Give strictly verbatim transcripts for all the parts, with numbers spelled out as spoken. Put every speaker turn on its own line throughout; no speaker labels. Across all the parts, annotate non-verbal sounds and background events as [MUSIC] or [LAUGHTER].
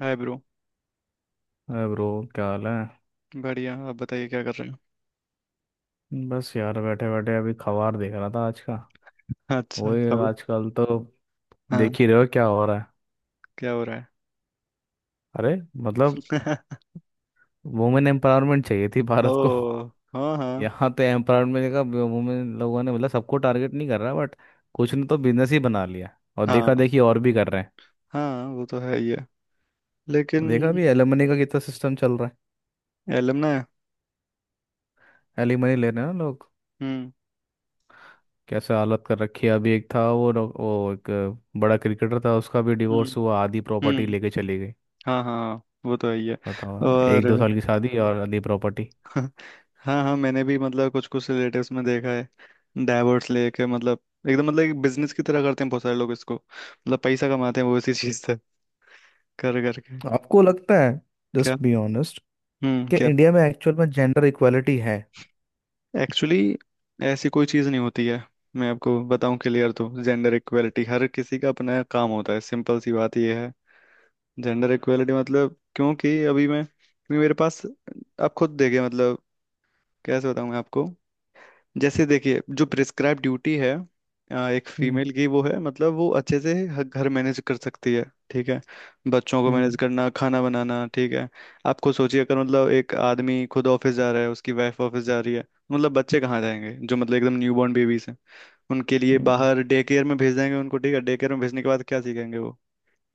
हाय bro.
अरे bro, क्या हाल है।
बढ़िया, आप बताइए क्या कर रहे हो।
बस यार बैठे बैठे अभी खबर देख रहा था आज का।
अच्छा,
वही
खबर।
आजकल तो
हाँ।
देख ही रहे हो क्या हो रहा है।
क्या हो रहा
अरे मतलब
है।
वुमेन एम्पावरमेंट चाहिए थी
[LAUGHS]
भारत को।
ओ। हाँ
[LAUGHS]
हाँ
यहाँ तो एम्पावरमेंट का वुमेन लोगों ने मतलब सबको टारगेट नहीं कर रहा बट कुछ ने तो बिजनेस ही बना लिया और देखा
हाँ
देखी और भी कर रहे
हाँ वो तो है ही है। लेकिन
हैं। देखा अभी एलिमनी का कितना सिस्टम चल रहा
एलमना है।
है। एलिमनी ले रहे हैं ना लोग।
हम्म।
कैसे हालत कर रखी है। अभी एक था वो डॉ- वो एक बड़ा क्रिकेटर था, उसका भी
हम्म।
डिवोर्स हुआ, आधी प्रॉपर्टी
हम्म।
लेके चली गई।
हाँ हाँ हाँ, वो तो है ही है।
बताओ, एक दो
और।
साल की शादी और आधी प्रॉपर्टी।
[LAUGHS] हाँ हाँ, मैंने भी मतलब कुछ कुछ रिलेटिव्स में देखा है डाइवर्स लेके मतलब एकदम मतलब एक बिजनेस की तरह करते हैं। बहुत सारे लोग इसको मतलब पैसा कमाते हैं वो इसी चीज से कर करके।
आपको लगता है,
क्या।
जस्ट बी ऑनेस्ट,
हम्म,
कि
क्या।
इंडिया में एक्चुअल में जेंडर इक्वालिटी है।
एक्चुअली ऐसी कोई चीज़ नहीं होती है। मैं आपको बताऊं क्लियर तो जेंडर इक्वेलिटी हर किसी का अपना काम होता है। सिंपल सी बात यह है। जेंडर इक्वेलिटी मतलब क्योंकि अभी मैं क्योंकि मेरे पास, आप खुद देखिए मतलब कैसे बताऊं मैं आपको। जैसे देखिए जो प्रिस्क्राइब ड्यूटी है अ, एक
हम्म।
फीमेल की, वो है मतलब वो अच्छे से ह- घर मैनेज कर सकती है। ठीक है। बच्चों को मैनेज
हम्म।
करना, खाना बनाना, ठीक है। आप खुद सोचिए अगर मतलब एक आदमी खुद ऑफिस जा रहा है, उसकी वाइफ ऑफिस जा रही है, मतलब बच्चे कहाँ जाएंगे जो मतलब एकदम न्यूबॉर्न बेबीज हैं। उनके लिए
हम्म।
बाहर डे केयर में भेज देंगे उनको, ठीक है। डे केयर में भेजने के बाद क्या सीखेंगे वो,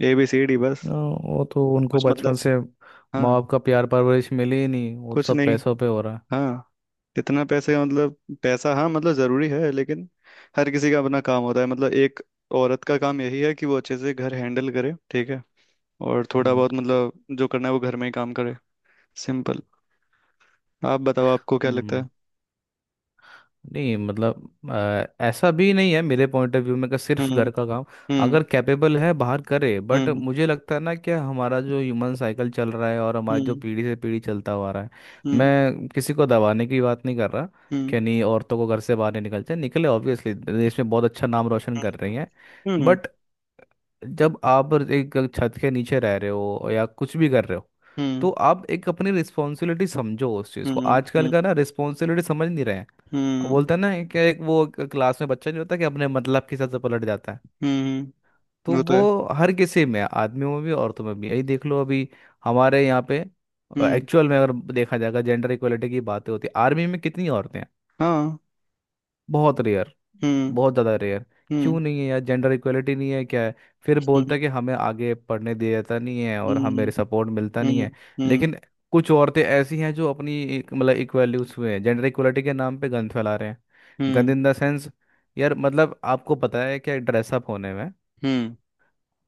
ए बी सी डी,
आ,
बस।
वो तो उनको
कुछ
बचपन
मतलब।
से माँ
हाँ।
बाप का प्यार परवरिश मिली ही नहीं, वो तो
कुछ
सब
नहीं।
पैसों पे हो रहा है।
हाँ। कितना पैसे का मतलब, पैसा, हाँ मतलब जरूरी है लेकिन हर किसी का अपना काम होता है। मतलब एक औरत का काम यही है कि वो अच्छे से घर हैंडल करे, ठीक है। और थोड़ा
हम्म।
बहुत मतलब जो करना है वो घर में ही काम करे। सिंपल। आप बताओ, आपको क्या लगता
हम्म।
है।
नहीं मतलब, अ, ऐसा भी नहीं है मेरे पॉइंट ऑफ व्यू में कि सिर्फ घर
हम्म
का काम।
हम्म
अगर कैपेबल है बाहर करे, बट
हम्म
मुझे लगता है ना कि हमारा जो ह्यूमन साइकिल चल रहा है और हमारा जो
हम्म
पीढ़ी से पीढ़ी चलता हुआ आ रहा है।
हम्म
मैं किसी को दबाने की बात नहीं कर रहा
हम्म
कि नहीं, औरतों को घर से बाहर नहीं निकलते निकले। ऑब्वियसली देश में बहुत अच्छा नाम रोशन कर रही हैं।
हम्म
बट जब आप एक छत के नीचे रह रहे हो या कुछ भी कर रहे हो,
हम्म
तो आप एक अपनी रिस्पॉन्सिबिलिटी समझो उस चीज़ को।
हम्म हम्म
आजकल
हम्म
का ना रिस्पॉन्सिबिलिटी समझ नहीं रहे हैं। अब
हम्म
बोलते हैं ना कि एक वो क- क्लास में बच्चा नहीं होता कि अपने मतलब के हिसाब से पलट जाता है।
हम्म,
तो
वो तो
वो
है।
हर किसी में है, आदमियों में भी, औरतों में भी। यही देख लो अभी हमारे यहाँ पे।
हम्म।
एक्चुअल में अगर देखा जाएगा, जेंडर इक्वलिटी की बातें होती है, आर्मी में कितनी औरतें हैं।
हाँ।
बहुत रेयर।
हम्म
बहुत ज़्यादा रेयर। क्यों
हम्म
नहीं है यार जेंडर इक्वलिटी? नहीं है क्या है। फिर
हम्म
बोलता है कि हमें आगे पढ़ने दिया जाता नहीं है और हमें
हम्म
सपोर्ट मिलता नहीं है।
हम्म
लेकिन कुछ औरतें ऐसी हैं जो अपनी एक- मतलब इक्वल्यूज हुए हैं जेंडर इक्वलिटी के नाम पे गंद फैला रहे हैं। गंद
हम्म
इन द सेंस, यार मतलब आपको पता है क्या ड्रेसअप होने में।
हम्म।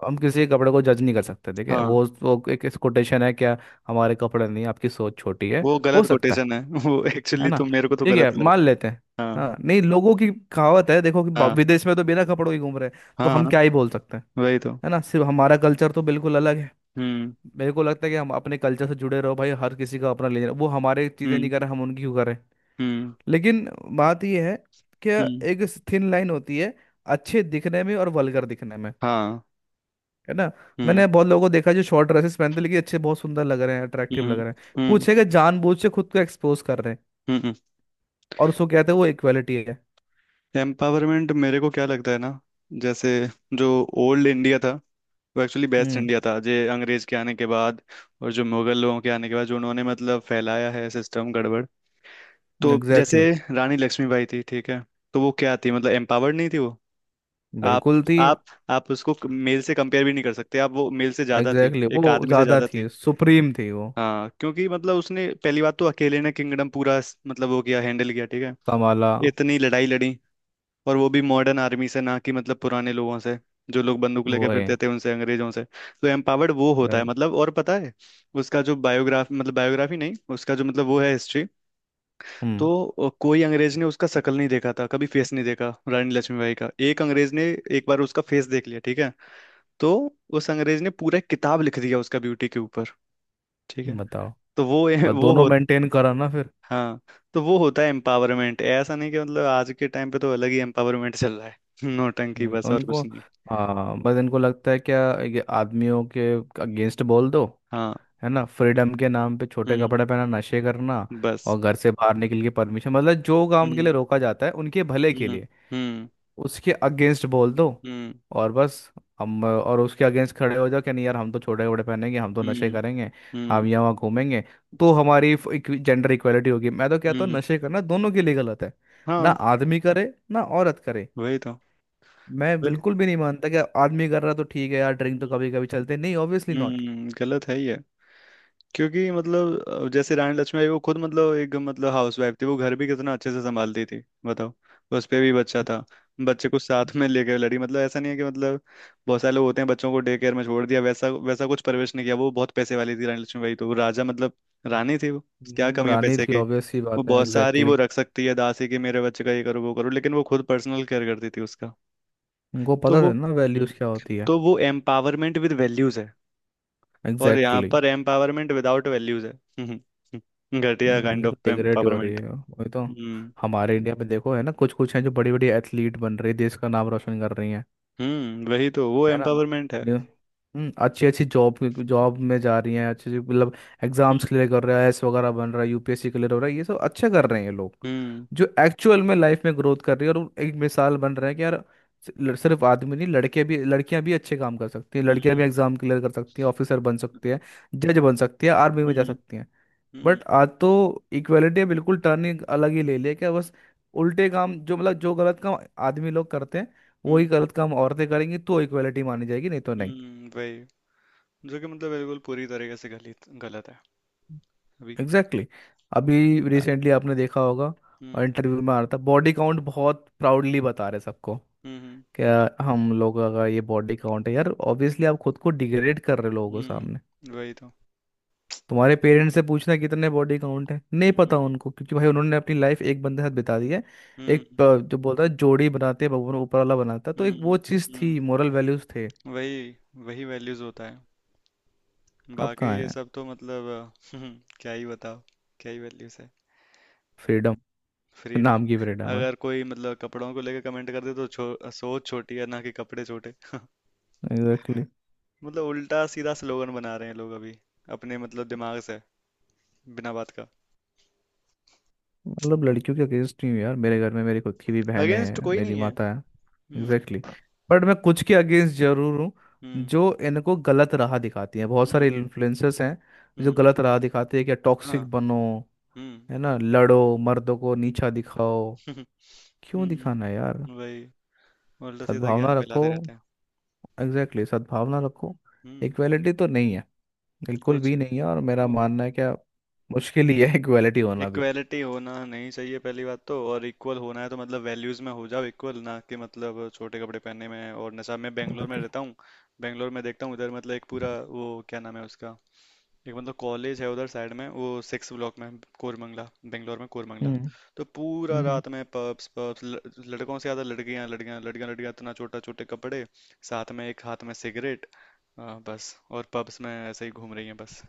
हम किसी के कपड़े को जज नहीं कर सकते, ठीक है,
हाँ।
वो वो एक कोटेशन है क्या। हमारे कपड़े नहीं, आपकी सोच छोटी है।
वो
हो
गलत
सकता है
कोटेशन है। [LAUGHS] वो
है
एक्चुअली
ना।
तो मेरे को तो
ठीक
गलत
है, मान
लगता है।
लेते हैं।
हाँ।
हाँ, नहीं लोगों की कहावत है, देखो कि बा-
हाँ
विदेश में तो बिना कपड़ों के घूम रहे हैं, तो
हाँ,
हम
हाँ,
क्या ही बोल सकते हैं।
वही तो।
है ना, सिर्फ हमारा कल्चर तो बिल्कुल अलग है।
हम्म
मेरे को लगता है कि हम अपने कल्चर से जुड़े रहो भाई, हर किसी का अपना लेना। वो हमारे चीज़ें नहीं
हम्म
कर रहे, हम उनकी क्यों करें।
हम्म
लेकिन बात यह है कि
हम्म
एक थिन लाइन होती है अच्छे दिखने में और वल्गर दिखने में।
हाँ।
है ना।
हम्म
मैंने बहुत लोगों को देखा है जो शॉर्ट ड्रेसेस पहनते हैं, लेकिन अच्छे, बहुत सुंदर लग रहे हैं, अट्रैक्टिव
हम्म
लग रहे हैं।
हम्म
कुछ है कि जानबूझ से खुद को एक्सपोज कर रहे हैं
हम्म
और उसको कहते हैं वो इक्वालिटी है।
एम्पावरमेंट मेरे को क्या लगता है ना, जैसे जो ओल्ड इंडिया था, वो एक्चुअली बेस्ट
हम्म।
इंडिया था। जे अंग्रेज के आने के बाद और जो मुगल लोगों के आने के बाद जो उन्होंने मतलब फैलाया है सिस्टम गड़बड़। तो
एग्जैक्टली,
जैसे रानी लक्ष्मीबाई थी, ठीक है। तो वो क्या थी मतलब एम्पावर्ड नहीं थी वो।
exactly.
आप
बिल्कुल थी।
आप आप उसको मेल से कंपेयर भी नहीं कर सकते। आप वो मेल से ज्यादा थी,
एग्जैक्टली, exactly.
एक
वो
आदमी से
ज्यादा
ज्यादा
थी,
थी।
सुप्रीम थी वो।
हाँ, क्योंकि मतलब उसने पहली बात तो अकेले ने किंगडम पूरा स- मतलब वो किया, हैंडल किया, ठीक है।
कमाला।
इतनी लड़ाई लड़ी, और वो भी मॉडर्न आर्मी से, ना कि मतलब पुराने लोगों से। जो लोग बंदूक लेके
वो है।
फिरते थे, उनसे, अंग्रेजों से। तो एम्पावर्ड वो होता है
अ,
मतलब। और पता है, उसका जो बायोग्राफ मतलब बायोग्राफी नहीं, उसका जो मतलब वो है हिस्ट्री,
हम्म
तो कोई अंग्रेज ने उसका शकल नहीं देखा था कभी, फेस नहीं देखा रानी लक्ष्मीबाई का। एक अंग्रेज ने एक बार उसका फेस देख लिया, ठीक है। तो उस अंग्रेज ने पूरा एक किताब लिख दिया उसका ब्यूटी के ऊपर, ठीक है।
बताओ।
तो वो,
ब-
वो
दोनों
हो
मेंटेन करा ना फिर।
हाँ। तो वो होता है एम्पावरमेंट। ऐसा नहीं कि मतलब आज के टाइम पे तो अलग ही एम्पावरमेंट चल रहा है। [LAUGHS] नौटंकी,
हम्म।
बस और
उनको
कुछ नहीं।
हाँ, बस इनको लगता है क्या ये आदमियों के अगेंस्ट बोल दो।
हाँ।
है ना, फ्रीडम के नाम पे छोटे
हम्म।
कपड़े पहना, नशे करना
बस।
और घर से बाहर निकल के परमिशन मतलब जो काम के
हम्म
लिए रोका जाता है उनके भले के
हम्म
लिए,
हम्म
उसके अगेंस्ट बोल दो।
हम्म
और बस हम और उसके अगेंस्ट खड़े हो जाओ कि नहीं यार, हम तो छोटे कपड़े पहनेंगे, हम तो नशे
हम्म
करेंगे, हम
हम्म
यहाँ वहाँ घूमेंगे, तो हमारी जेंडर इक्वालिटी होगी। मैं तो कहता हूँ
हम्म,
नशे करना दोनों के लिए गलत है। ना
हाँ
आदमी करे ना औरत करे।
वही तो।
मैं
वही।
बिल्कुल भी नहीं मानता कि आदमी कर रहा तो ठीक है यार, ड्रिंक तो
हम्म।
कभी कभी चलते नहीं, ऑब्वियसली नॉट।
हम्म, गलत है ये। क्योंकि मतलब अ, जैसे रानी लक्ष्मीबाई वो खुद मतलब एक मतलब हाउस वाइफ थी। वो घर भी कितना अच्छे से संभालती थी, बताओ। उस पे भी बच्चा था, बच्चे को साथ में लेकर लड़ी। मतलब ऐसा नहीं है कि मतलब बहुत सारे लोग होते हैं बच्चों को डे केयर में छोड़ दिया, वैसा वैसा कुछ परवरिश नहीं किया। वो बहुत पैसे वाली थी, रानी लक्ष्मीबाई, तो वो राजा मतलब रानी थी वो। क्या कमी है
रानी
पैसे
थी,
की।
ऑब्वियस सी
वो
बात है,
बहुत सारी
एग्जैक्टली,
वो
exactly.
रख सकती है, दासी की, मेरे बच्चे का ये करो वो करो, लेकिन वो खुद पर्सनल केयर करती थी उसका।
उनको
तो
पता
वो
था ना
हम्म।
वैल्यूज क्या होती है।
तो वो एम्पावरमेंट विद वैल्यूज है, और यहाँ
एग्जैक्टली।
पर एम्पावरमेंट विदाउट वैल्यूज है। [LAUGHS] घटिया काइंड
वैल्यू तो
ऑफ
डिग्रेड हो रही
एम्पावरमेंट।
है, वही तो।
हम्म।
हमारे इंडिया में देखो है ना, कुछ कुछ हैं जो बड़ी बड़ी एथलीट बन रही है, देश का नाम रोशन कर रही हैं।
हम्म, वही तो, वो
है ना।
एम्पावरमेंट है।
जो- हम्म अच्छी अच्छी जॉब, जॉब में जा रही हैं, अच्छी अच्छी, मतलब
हम्म
एग्जाम्स क्लियर कर रहा है, एस वगैरह बन रहा है, U P S C clear हो रहा है, ये सब अच्छे कर रहे हैं ये लोग।
हम्म
जो एक्चुअल में लाइफ में ग्रोथ कर रही है, और वो एक मिसाल बन रहे हैं कि यार, सि- लड़- सिर्फ आदमी नहीं, लड़के भी लड़कियां भी अच्छे काम कर सकती हैं, लड़कियां
हम्म
भी एग्जाम क्लियर कर सकती हैं, ऑफिसर बन सकती है, जज बन सकती है, आर्मी में जा
हम्म
सकती हैं।
हम्म
बट आज तो इक्वेलिटी बिल्कुल टर्न ही, अलग ही ले लिया क्या बस। उल्टे काम, जो मतलब जो गलत काम आदमी लोग करते हैं वही
हम्म,
गलत काम औरतें करेंगी तो इक्वेलिटी मानी जाएगी, नहीं तो नहीं।
हम्म, वही जो कि मतलब बिल्कुल पूरी तरीके से गलत, गलत है। अभी
एग्जैक्टली, exactly. अभी
अ,
रिसेंटली आपने देखा होगा,
हम्म।
और इंटरव्यू में आ रहा था बॉडी काउंट बहुत प्राउडली बता रहे सबको।
हम्म
क्या, हम लोगों का ये बॉडी काउंट है यार, ऑब्वियसली आप खुद को डिग्रेड कर रहे हो लोगों
हम्म
के सामने।
हम्म, वही तो।
तुम्हारे पेरेंट्स से पूछना कितने बॉडी काउंट है, नहीं
हम्म
पता उनको, क्योंकि भाई उन्होंने अपनी लाइफ एक बंदे के साथ बिता दी है।
हम्म
एक अ, जो बोलता है जोड़ी बनाते हैं भगवान, ऊपर वाला बनाता है, तो एक
हम्म
वो चीज़
हम्म,
थी, मोरल वैल्यूज थे।
वही। वही वैल्यूज होता है।
अब
बाकी
कहाँ
ये
है
सब तो मतलब [LAUGHS] क्या ही बताओ। क्या ही वैल्यूज है।
फ्रीडम?
फ्रीडम
नाम की
है।
फ्रीडम है।
अगर कोई मतलब कपड़ों को लेकर कमेंट कर दे तो छो, सोच छोटी है ना कि कपड़े छोटे। [LAUGHS]
Exactly, exactly.
मतलब उल्टा सीधा स्लोगन बना रहे हैं लोग अभी अपने मतलब दिमाग से, बिना बात का।
मतलब लड़कियों के अगेंस्ट नहीं हूँ यार, मेरे घर में मेरी खुद की भी बहनें
अगेंस्ट
हैं,
कोई
मेरी
नहीं है।
माता है। एग्जैक्टली,
हम्म
exactly. बट मैं कुछ के अगेंस्ट जरूर हूँ,
हम्म
जो इनको गलत राह दिखाती हैं। बहुत सारे
हम्म
इन्फ्लुएंसर्स हैं जो
हम्म
गलत राह दिखाते हैं कि
हाँ।
टॉक्सिक बनो।
हम्म।
है ना, लड़ो, मर्दों को नीचा दिखाओ।
[LAUGHS]
क्यों दिखाना
हम्म।
है यार।
वही। उल्टा सीधा
सद्भावना
ज्ञान
रखो।
फैलाते रहते हैं।
एग्जैक्टली, exactly, सद्भावना रखो।
हम्म।
इक्वालिटी तो नहीं है, बिल्कुल
कुछ।
भी नहीं है, और मेरा मानना है क्या, मुश्किल ही है इक्वालिटी होना भी।
इक्वेलिटी होना नहीं चाहिए पहली बात तो। और इक्वल होना है तो मतलब वैल्यूज में हो जाओ इक्वल, ना कि मतलब छोटे कपड़े पहनने में और नशा। मैं बेंगलोर में
बिल्कुल।
रहता हूँ, बेंगलोर में देखता हूँ उधर मतलब एक पूरा वो क्या नाम है उसका, एक मतलब कॉलेज है उधर साइड में, वो सिक्स ब्लॉक में, कोरमंगला, बेंगलोर में कोरमंगला।
हम्म
तो पूरा
हम्म
रात में पब्स पब्स, लड़कों से ज़्यादा लड़कियां लड़कियां लड़कियां लड़कियां, इतना छोटा छोटे कपड़े, साथ में एक हाथ में सिगरेट, आ, बस, और पब्स में ऐसे ही घूम रही हैं बस।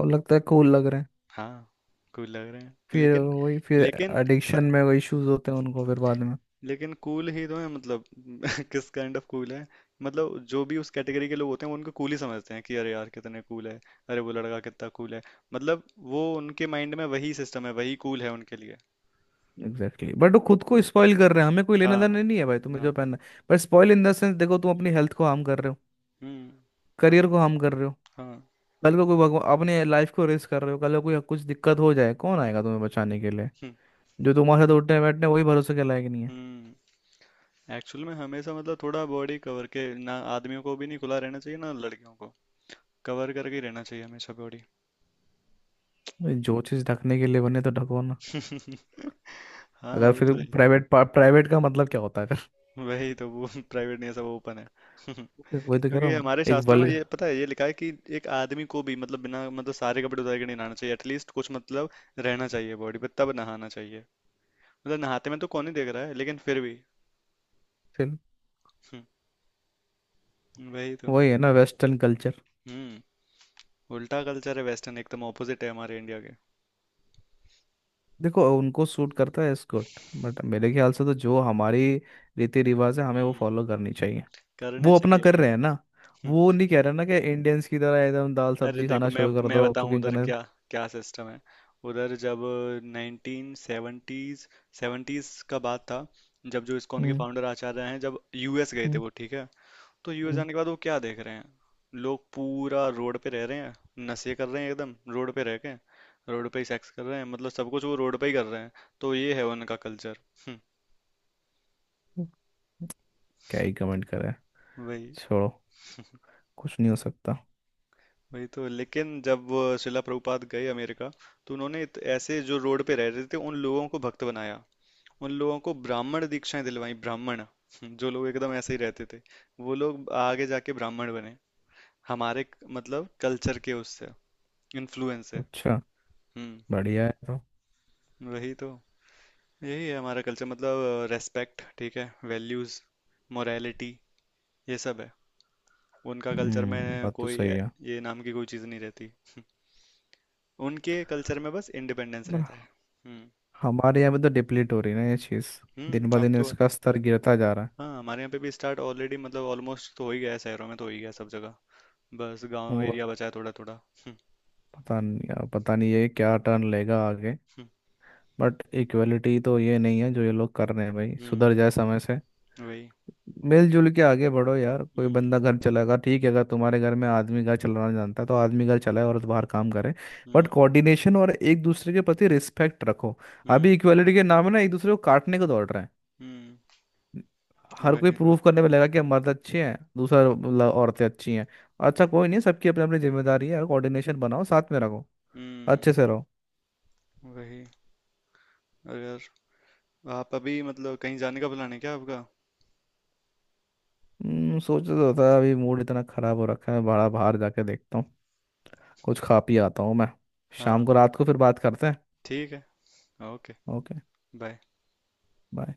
और लगता है कूल लग रहे हैं।
हाँ, कूल लग रहे हैं
फिर
लेकिन,
वही, फिर
लेकिन प-
एडिक्शन में वही इश्यूज होते हैं उनको फिर बाद में।
लेकिन कूल ही तो है मतलब। [LAUGHS] किस काइंड ऑफ कूल है। मतलब जो भी उस कैटेगरी के लोग होते हैं, वो उनको कूल ही समझते हैं कि अरे यार कितने कूल है, अरे वो लड़का कितना कूल है, मतलब वो उनके माइंड में वही सिस्टम है, वही कूल है उनके लिए।
Exactly, exactly. बट वो खुद को स्पॉइल कर रहे हैं, हमें कोई लेना
हाँ।
देना नहीं है भाई, तुम्हें
हाँ।
जो पहनना है, but spoil in the sense देखो, तुम अपनी हेल्थ को हार्म कर रहे हो,
हम्म।
करियर को हार्म कर रहे हो।
हाँ।
कल को कोई, भगवान, अपने लाइफ को रिस्क कर रहे हो, कल को कोई कुछ दिक्कत हो जाए, कौन आएगा तुम्हें बचाने के लिए।
हम्म।
जो तुम्हारे साथ उठने बैठने, वही भरोसे के लायक नहीं है।
हम्म। एक्चुअल में हमेशा मतलब थोड़ा बॉडी कवर के, ना आदमियों को भी नहीं खुला रहना चाहिए ना लड़कियों को, कवर करके ही रहना चाहिए हमेशा बॉडी।
भाई जो चीज़ ढकने के लिए बने तो ढको ना।
[LAUGHS] हाँ
अगर
वो
फिर
तो है।
प्राइवेट, प्राइवेट का मतलब क्या होता है फिर।
वही तो, वो [LAUGHS] प्राइवेट नहीं है, सब ओपन है। [LAUGHS]
[LAUGHS] वही तो कह रहा
क्योंकि
हूँ
हमारे
एक
शास्त्रों में
वल्ग
ये पता है ये लिखा है कि एक आदमी को भी मतलब बिना मतलब सारे कपड़े उतार के नहीं नहाना चाहिए, एटलीस्ट कुछ मतलब रहना चाहिए बॉडी पे, तब नहाना चाहिए। मतलब नहाते में तो कौन ही देख रहा है, लेकिन फिर भी।
फिर
[LAUGHS] हम्म, वही तो।
वही है ना, वेस्टर्न कल्चर।
हम्म। उल्टा कल्चर है वेस्टर्न, एकदम ऑपोजिट है हमारे इंडिया के।
देखो उनको सूट करता है एस्कॉर्ट, बट मेरे ख्याल से तो जो हमारी रीति रिवाज है, हमें वो
हम्म।
फॉलो करनी चाहिए।
करने
वो अपना
चाहिए
कर
ये।
रहे हैं ना, वो नहीं कह रहे ना कि इंडियंस की तरह एकदम दाल
अरे
सब्जी
देखो,
खाना
मैं
शुरू कर
मैं
दो,
बताऊं
कुकिंग
उधर
करना।
क्या क्या सिस्टम है। उधर जब नाइनटीन सेवेंटीज, सेवेंटीज का बात था, जब जो इस्कॉन के
हम्म।
फाउंडर आचार्य हैं, जब यूएस गए थे
हम्म।
वो, ठीक है। तो यूएस जाने के बाद वो क्या देख रहे हैं, लोग पूरा रोड पे रह रहे हैं, नशे कर रहे हैं एकदम, रोड पे रह के रोड पे ही सेक्स कर रहे हैं, मतलब सब कुछ वो रोड पे ही कर रहे हैं। तो ये है उनका कल्चर।
हम्म। क्या ही कमेंट करे।
वही।
छोड़ो, कुछ नहीं हो सकता।
वही तो, लेकिन जब अ, शिला प्रभुपाद गए अमेरिका, तो उन्होंने इत- ऐसे जो रोड पे रह रहे थे उन लोगों को भक्त बनाया, उन लोगों को ब्राह्मण दीक्षाएं दिलवाई, ब्राह्मण। जो लोग एकदम ऐसे ही रहते थे, वो लोग आगे जाके ब्राह्मण बने हमारे मतलब कल्चर के उससे इन्फ्लुएंस से।
अच्छा,
हम्म,
बढ़िया है तो।
वही तो। यही है हमारा कल्चर, मतलब रेस्पेक्ट, ठीक है, वैल्यूज, मोरालिटी, ये सब है उनका कल्चर
हम्म
में।
बात तो
कोई
सही
ए-
है।
ये नाम की कोई चीज़ नहीं रहती। [LAUGHS] उनके कल्चर में बस इंडिपेंडेंस
पर
रहता है। हम्म।
हमारे यहाँ पे तो डिप्लीट हो रही है ना ये चीज़, दिन
हम्म,
ब
अब
दिन
तो।
इसका स्तर गिरता जा रहा है।
हाँ, हमारे यहाँ पे भी स्टार्ट ऑलरेडी मतलब ऑलमोस्ट तो हो ही गया है, शहरों में तो हो ही गया सब जगह, बस गांव
वो
एरिया बचा है थोड़ा थोड़ा। हम्म
पता नहीं यार, पता नहीं ये क्या टर्न लेगा आगे। बट इक्वलिटी तो ये नहीं है जो ये लोग कर रहे हैं भाई,
हम्म,
सुधर जाए समय से।
हम्म, वही
मिलजुल के आगे बढ़ो यार, कोई
हम्म
बंदा घर चलाएगा ठीक है, अगर तुम्हारे घर में आदमी घर चलाना जानता है, तो आदमी घर चलाए और बाहर काम करे। बट
हम्म
कोऑर्डिनेशन और एक दूसरे के प्रति रिस्पेक्ट रखो।
हम्म
अभी इक्वालिटी के नाम है ना, एक दूसरे को काटने को दौड़ रहे हैं।
हम्म,
हर कोई
वही तो।
प्रूव करने में लगा कि हम मर्द अच्छे हैं, दूसरा ल- औरतें अच्छी हैं। अच्छा कोई नहीं, सबकी अपनी अपनी जिम्मेदारी है यार, कोऑर्डिनेशन बनाओ, साथ में रखो,
हम्म।
अच्छे से रहो।
वही। अरे यार, आप अभी मतलब कहीं जाने का प्लान है क्या आपका।
हम्म, सोचा तो था। अभी मूड इतना खराब हो रखा है बड़ा, बाहर जाके देखता हूँ, कुछ खा पी आता हूँ मैं।
हाँ।
शाम को, रात को फिर बात करते हैं।
ठीक है। ओके।
ओके।
बाय।
बाय।